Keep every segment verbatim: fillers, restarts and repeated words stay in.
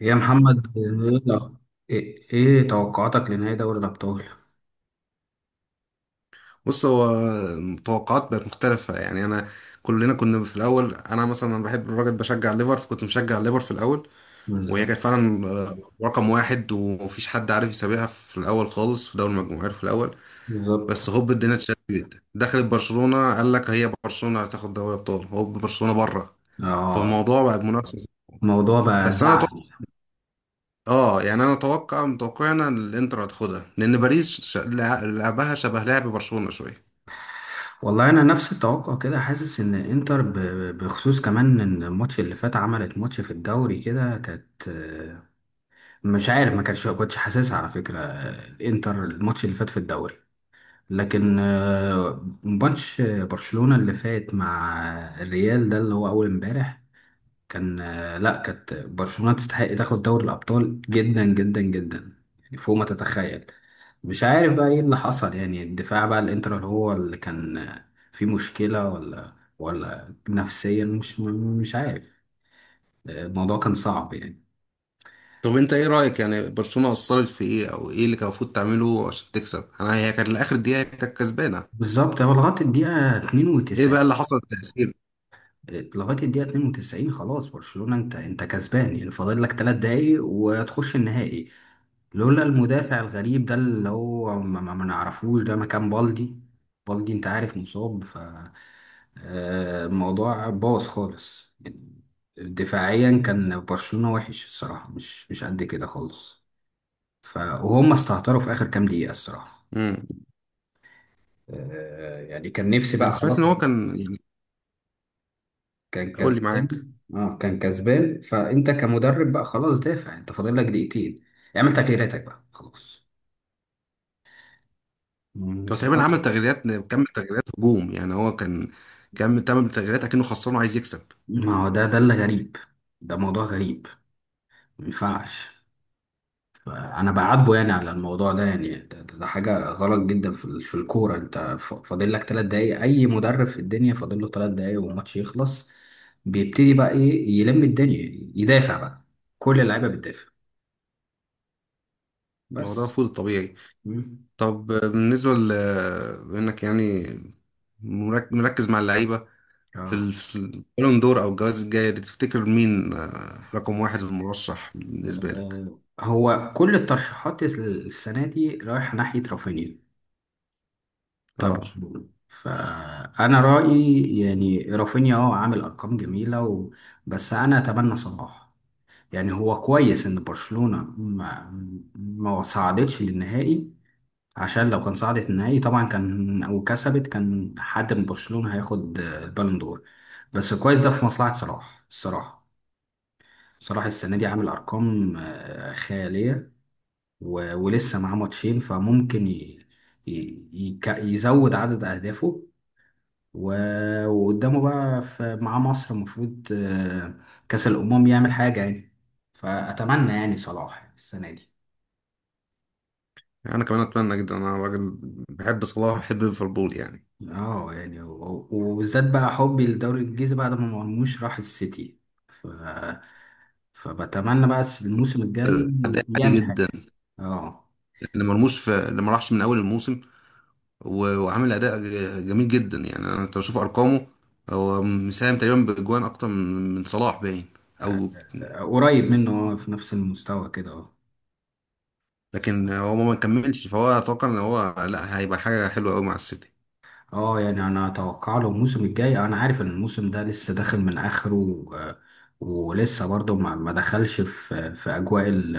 إيه يا محمد ايه ايه إيه توقعاتك لنهائي دوري الابطال؟ بص هو التوقعات بقت مختلفة، يعني أنا كلنا كنا في الأول، أنا مثلا أنا بحب الراجل، بشجع ليفر، فكنت مشجع ليفر في الأول. وهي بالظبط. كانت فعلا آه، رقم واحد ومفيش حد عارف يسابقها في الأول خالص، في دوري المجموعات في الأول. بالظبط. بس هوب الدنيا اتشقلبت، دخلت برشلونة، قال لك هي برشلونة هتاخد دوري أبطال، هوب برشلونة بره. اه فالموضوع بقى منافسة. الموضوع بقى بس أنا أتوقع، زعل. اه يعني انا اتوقع متوقع انا إن الانتر هتاخدها، لان باريس ش- لع- لعبها شبه لعب برشلونة شويه. والله انا نفس التوقع كده، حاسس ان انتر ب- ب- بخصوص كمان ان الماتش اللي فات عملت ماتش في الدوري كده، كانت آه، مش عارف، ما كانتش كنتش حاسسها على فكرة. آه، الانتر الماتش اللي فات في الدوري، لكن آه، ماتش برشلونة اللي فات مع الريال ده اللي هو اول امبارح كان آه، لا، كانت برشلونة تستحق تاخد دوري الأبطال جدا جدا جدا، يعني فوق ما تتخيل. مش عارف بقى ايه اللي حصل، يعني الدفاع بقى الانتر اللي هو اللي كان آه، فيه مشكلة ولا ولا نفسيا، مش مش عارف. آه، الموضوع كان صعب يعني. طب انت ايه رأيك؟ يعني برشلونة قصرت في ايه، او ايه اللي كان المفروض تعمله عشان تكسب؟ انا هي كانت لاخر دقيقة كانت كسبانة. بالظبط، هو لغاية الدقيقة ايه بقى اتنين وتسعين. اللي حصل، التأثير؟ لغاية الدقيقة اتنين وتسعين خلاص برشلونة انت انت كسبان، يعني فاضل لك ثلاث دقايق وتخش النهائي، لولا المدافع الغريب ده اللي هو ما, ما ما نعرفوش ده مكان بالدي. بالدي انت عارف مصاب، ف آه، الموضوع باظ خالص يعني. دفاعيا كان برشلونة وحش الصراحة، مش مش قد كده خالص. ف وهم استهتروا في آخر كام دقيقة الصراحة. امم آه، يعني كان نفسي انا بقى سمعت خلاص. ان هو كان يعني، كان قول لي معاك. كسبان، اه كان كسبان، فانت كمدرب بقى خلاص، دافع، انت فاضل لك دقيقتين، اعمل تغييراتك بقى خلاص. مم، هو بس تقريبا عمل تغييرات، كم تغييرات هجوم، يعني هو كان كم، تمام، تغييرات اكنه خسران وعايز يكسب. ما هو ده ده اللي غريب، ده موضوع غريب، ما ينفعش. فانا بعاتبه يعني على الموضوع ده، يعني ده, ده, ده حاجه غلط جدا في ال- في الكوره. انت ف- فاضل لك ثلاث دقايق، اي مدرب في الدنيا فاضل له ثلاث دقايق والماتش يخلص بيبتدي بقى ايه، يلم الدنيا، يدافع بقى، كل اللعيبه بتدافع. الموضوع بس. المفروض الطبيعي. مم. طب بالنسبة ل انك يعني مرك- مركز مع اللعيبة، في ال- اه، في البالون دور او الجوائز الجاية دي، تفتكر مين آه، رقم واحد المرشح بالنسبة لك؟ آه، هو كل الترشيحات السنه دي رايحه ناحيه رافينيا. طب اه. فانا رايي يعني رافينيا اه عامل ارقام جميله و... بس انا اتمنى صلاح. يعني هو كويس ان برشلونه ما ما صعدتش للنهائي، عشان لو كان صعدت النهائي طبعا كان او كسبت، كان حد من برشلونه هياخد البالون دور. بس كويس ده في مصلحه صلاح الصراحه. صلاح السنه دي عامل ارقام آه، خياليه، و... ولسه معاه ماتشين، فممكن ي... ي... يك- يزود عدد اهدافه، و- وقدامه بقى في مع مصر المفروض آه، كأس الأمم يعمل حاجة يعني. فأتمنى يعني صلاح السنة دي. انا كمان اتمنى جدا. انا راجل بحب صلاح، بحب ليفربول يعني. اه يعني و- وبالذات بقى حبي للدوري الإنجليزي بعد ما مرموش راح السيتي، ف... فبتمنى بقى الموسم الجاي اداء عالي يعمل جدا، حاجة. اه. اللي مرموش، في اللي ما راحش من اول الموسم و- وعامل اداء ج- جميل جدا، يعني انا انت بشوف ارقامه. هو مساهم تقريبا باجوان اكتر من من صلاح، باين. او قريب منه، آه، في نفس المستوى كده اه. لكن هو ما كملش، فهو اتوقع ان هو لا هيبقى حاجه حلوه قوي مع السيتي. اه يعني انا اتوقع له الموسم الجاي، انا عارف ان الموسم ده لسه داخل من اخره، آه، ولسه برضه ما ما دخلش في في اجواء ال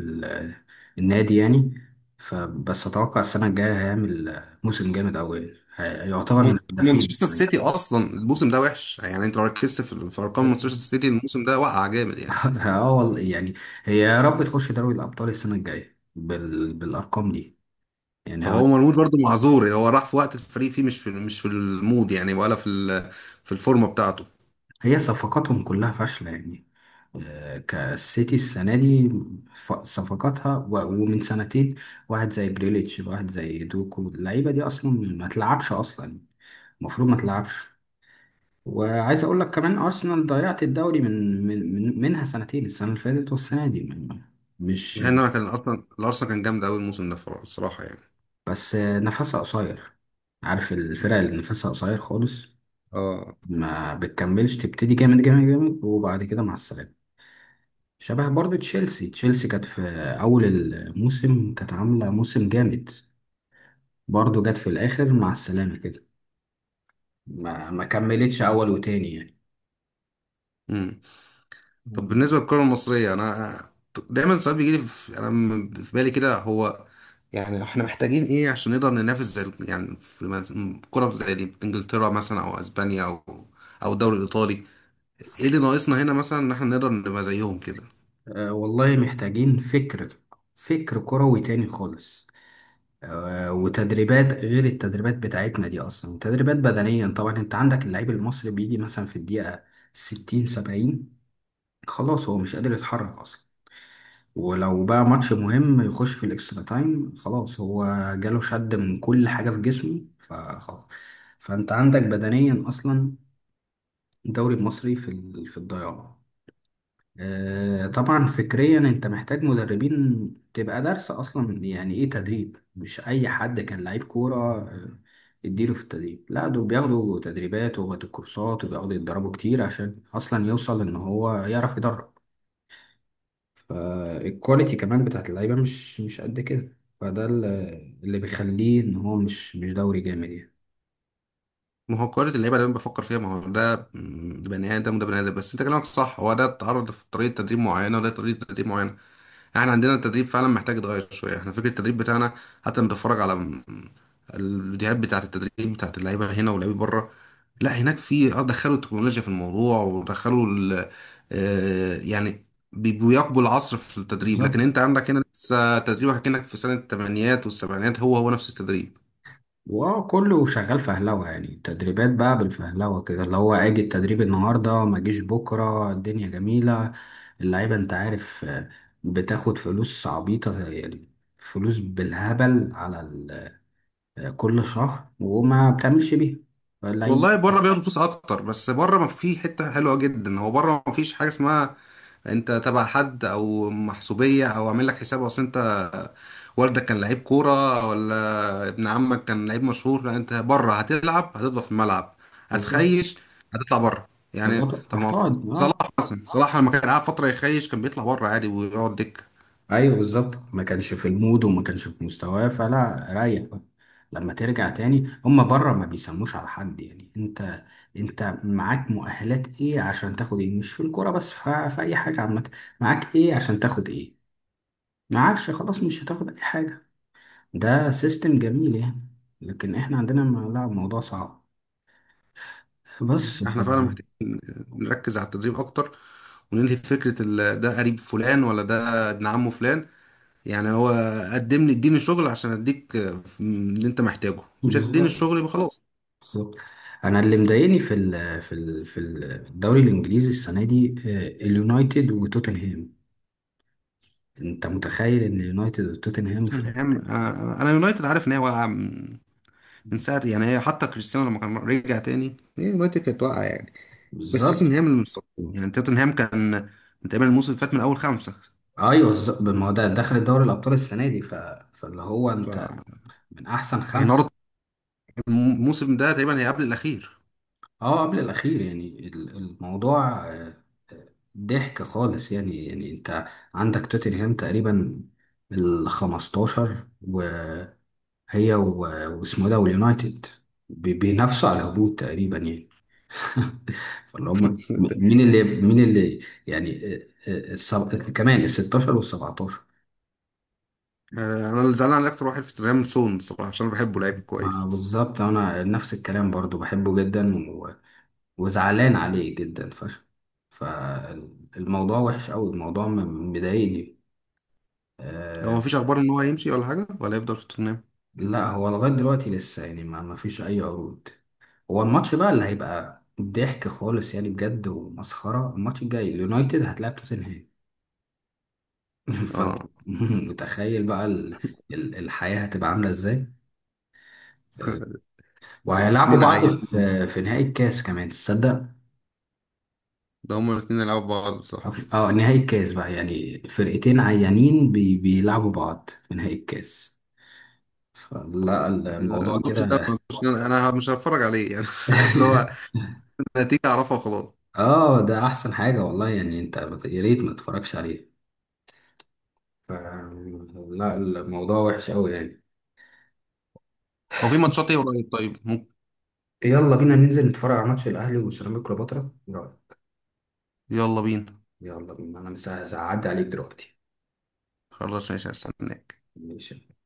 ال النادي يعني. فبس اتوقع السنه الجايه هيعمل موسم جامد قوي، هيعتبر مون- من الهدافين مانشستر السنة سيتي اصلا الموسم ده وحش، يعني انت لو ركزت في في ارقام الجاية. مانشستر سيتي الموسم ده، وقع جامد يعني. اه والله يعني، هي يا رب تخش دوري الابطال السنه الجايه بال بالارقام دي يعني هو. فهو مرموش برضه معذور، يعني هو راح في وقت الفريق فيه، مش في مش في المود يعني، ولا في ال- في الفورمه بتاعته. هي صفقاتهم كلها فاشلة يعني، آه، كالسيتي السنة دي. ف- صفقاتها و- ومن سنتين واحد زي جريليتش، واحد زي دوكو، اللعيبة دي أصلا ما تلعبش أصلا، المفروض ما تلعبش. وعايز أقول لك كمان أرسنال ضيعت الدوري من من من- منها سنتين، السنة اللي فاتت والسنة دي م- مش يعني انا كان ارسنال الارسنال كان جامد قوي الموسم ده فر- الصراحه يعني. بس آه، نفسها قصير. عارف الفرق اللي نفسها قصير خالص؟ اه. ما بتكملش، تبتدي جامد جامد جامد وبعد كده مع السلامة. شبه برضو تشيلسي، تشيلسي كانت في أول الموسم كانت عاملة موسم جامد، برضو جت في الآخر مع السلامة كده، ما, ما كملتش أول وتاني يعني. امم طب مم. بالنسبه للكره المصريه، انا دايما ساعات بيجي لي، في انا م- في بالي كده. هو يعني احنا محتاجين ايه عشان نقدر ننافس زي ال- يعني في مز- كره زي دي، انجلترا مثلا او اسبانيا او او الدوري الايطالي؟ ايه اللي ناقصنا هنا مثلا ان احنا نقدر نبقى زيهم كده؟ أه والله محتاجين فكر، فكر كروي تاني خالص. أه وتدريبات غير التدريبات بتاعتنا دي أصلا، تدريبات بدنيا طبعا. أنت عندك اللعيب المصري بيجي مثلا في الدقيقة ستين سبعين خلاص هو مش قادر يتحرك أصلا. ولو بقى ماتش مهم يخش في الاكسترا تايم خلاص هو جاله شد من كل حاجة في جسمه فخلاص. فانت عندك بدنيا اصلا الدوري المصري في ال- في الضياع. آه، طبعا فكريا انت محتاج مدربين تبقى دارسة اصلا يعني ايه تدريب، مش اي حد كان لعيب كورة آه، اديله في التدريب. لا، دول بياخدوا تدريبات وبياخدوا كورسات وبياخدوا يتدربوا كتير عشان اصلا يوصل ان هو يعرف يدرب. الكواليتي كمان بتاعت اللعيبة مش مش قد كده، فده ال- اللي بيخليه ان هو مش مش دوري جامد يعني. ما هو كرة اللعيبة اللي انا بفكر فيها، ما هو ده م- ده بني ادم وده بني ادم، بس انت كلامك صح. هو ده اتعرض في طريقة تدريب معينة، وده طريقة تدريب معينة. احنا عندنا التدريب فعلا محتاج يتغير شوية، احنا فكرة التدريب بتاعنا، حتى لما بتتفرج على م- الفيديوهات بتاعة التدريب بتاعة اللعيبة هنا واللعيبة بره، لا هناك، في اه دخلوا التكنولوجيا في الموضوع، ودخلوا ال- آه، يعني بي- بيواكبوا العصر في التدريب. لكن بالظبط. انت عندك هنا لسه تدريبك كأنك في سنة الثمانينات والسبعينات، هو هو نفس التدريب. واه كله شغال فهلوة يعني، تدريبات بقى بالفهلوة كده، اللي هو اجي التدريب النهاردة ما جيش بكرة الدنيا جميلة. اللعيبة انت عارف آه، بتاخد فلوس عبيطة يعني، فلوس بالهبل على ال- آه، كل شهر، وما بتعملش بيها اللعيب والله بس. بره بياخدوا فلوس اكتر، بس بره ما في حته حلوه جدا، هو بره ما فيش حاجه اسمها انت تبع حد او محسوبيه او عامل لك حساب. اصل انت والدك كان لعيب كوره، ولا ابن عمك كان لعيب مشهور. لا، انت بره هتلعب، هتفضل في الملعب، بالظبط. هتخيش، هتطلع بره يعني. بالظبط طب ما هو هتقعد صلاح اه. مثلا، صلاح لما كان قاعد فتره يخيش، كان بيطلع بره عادي ويقعد دكه. ايوه بالظبط، ما كانش في المود وما كانش في مستواه، فلا ريح بقى. لما ترجع تاني هما بره ما بيسموش على حد يعني. انت انت معاك مؤهلات ايه عشان تاخد ايه، مش في الكوره بس، ف- في اي حاجه عامه. معاك ايه عشان تاخد ايه، معاكش خلاص مش هتاخد اي حاجه. ده سيستم جميل يعني، لكن احنا عندنا ما- لا الموضوع صعب بس ف... احنا فعلا بالظبط. محتاجين نركز على التدريب اكتر، وننهي فكره ال- ده قريب فلان ولا ده ابن عمه فلان. يعني هو قدم لي، اديني شغل عشان اديك آه، اللي انت محتاجه. مش هتديني الشغل يبقى خلاص. بالظبط. انا اللي مضايقني في ال في ال في الدوري الانجليزي السنه دي آه، اليونايتد وتوتنهام. انت متخيل ان اليونايتد وتوتنهام ف-؟ توتنهام، انا أنا يونايتد عارف ان هي واقعه من من ساعه، يعني هي حتى كريستيانو لما كان رجع تاني، هي يونايتد كانت واقعه يعني. بس بالظبط. توتنهام اللي متصدر، يعني توتنهام كان من تقريبا الموسم اللي فات من اول خمسه. ايوه بالظبط، ما هو ده دخل دوري الابطال السنه دي ف... فاللي هو ف انت من احسن يعني خمسه. نار- الموسم ده تقريبا هي قبل الاخير. اه قبل الاخير. يعني ال- الموضوع آه، آه، ضحك خالص يعني، يعني انت عندك توتنهام تقريبا ال خمستاشر هي و- واسمه ده واليونايتد بي- بينافسوا على الهبوط تقريبا يعني. فاللي هم مين اللي مين اللي يعني آه، آه، السب- كمان ال ستاشر وال سبعتاشر. انا اللي زعلان على اكتر واحد في توتنهام سون الصراحه، عشان أنا بحبه لعيب ما كويس. بالظبط انا نفس الكلام برضو، بحبه جدا و... وزعلان عليه جدا فشخ. فالموضوع وحش قوي، الموضوع م- مضايقني هو آه... مفيش اخبار ان هو هيمشي ولا حاجه، ولا هيفضل في توتنهام؟ لا هو لغاية دلوقتي لسه يعني ما... ما فيش اي عروض. هو الماتش بقى اللي هيبقى ضحك خالص يعني، بجد ومسخرة، الماتش الجاي اليونايتد هتلاعب توتنهام. فانت اه. متخيل بقى ال... ال... الحياة هتبقى عاملة ازاي؟ آه، وهيلعبوا اتنين بعض عيل، في في نهائي الكاس كمان تصدق؟ ده هما الاثنين يلعبوا بعض أو بصح. في- اه نهائي الكاس بقى يعني، فرقتين عيانين بي... بيلعبوا بعض في نهائي الكاس، لا يعني الموضوع الماتش ده ما كده. أظنش إن انا أنا مش هتفرج عليه يعني. عارف، اللي هو النتيجة اعرفها وخلاص. اه ده احسن حاجة والله يعني، انت يا ريت ما تتفرجش عليه. ف- لا الموضوع وحش قوي يعني. هو في ماتشات ايه قريب؟ طيب ممكن. يلا بينا ننزل نتفرج على ماتش الاهلي وسيراميكا كليوباترا، ايه رايك؟ يلا بينا. يلا بينا، انا مش هعدي عليك دلوقتي. خلاص ماشي، هستناك. ماشي.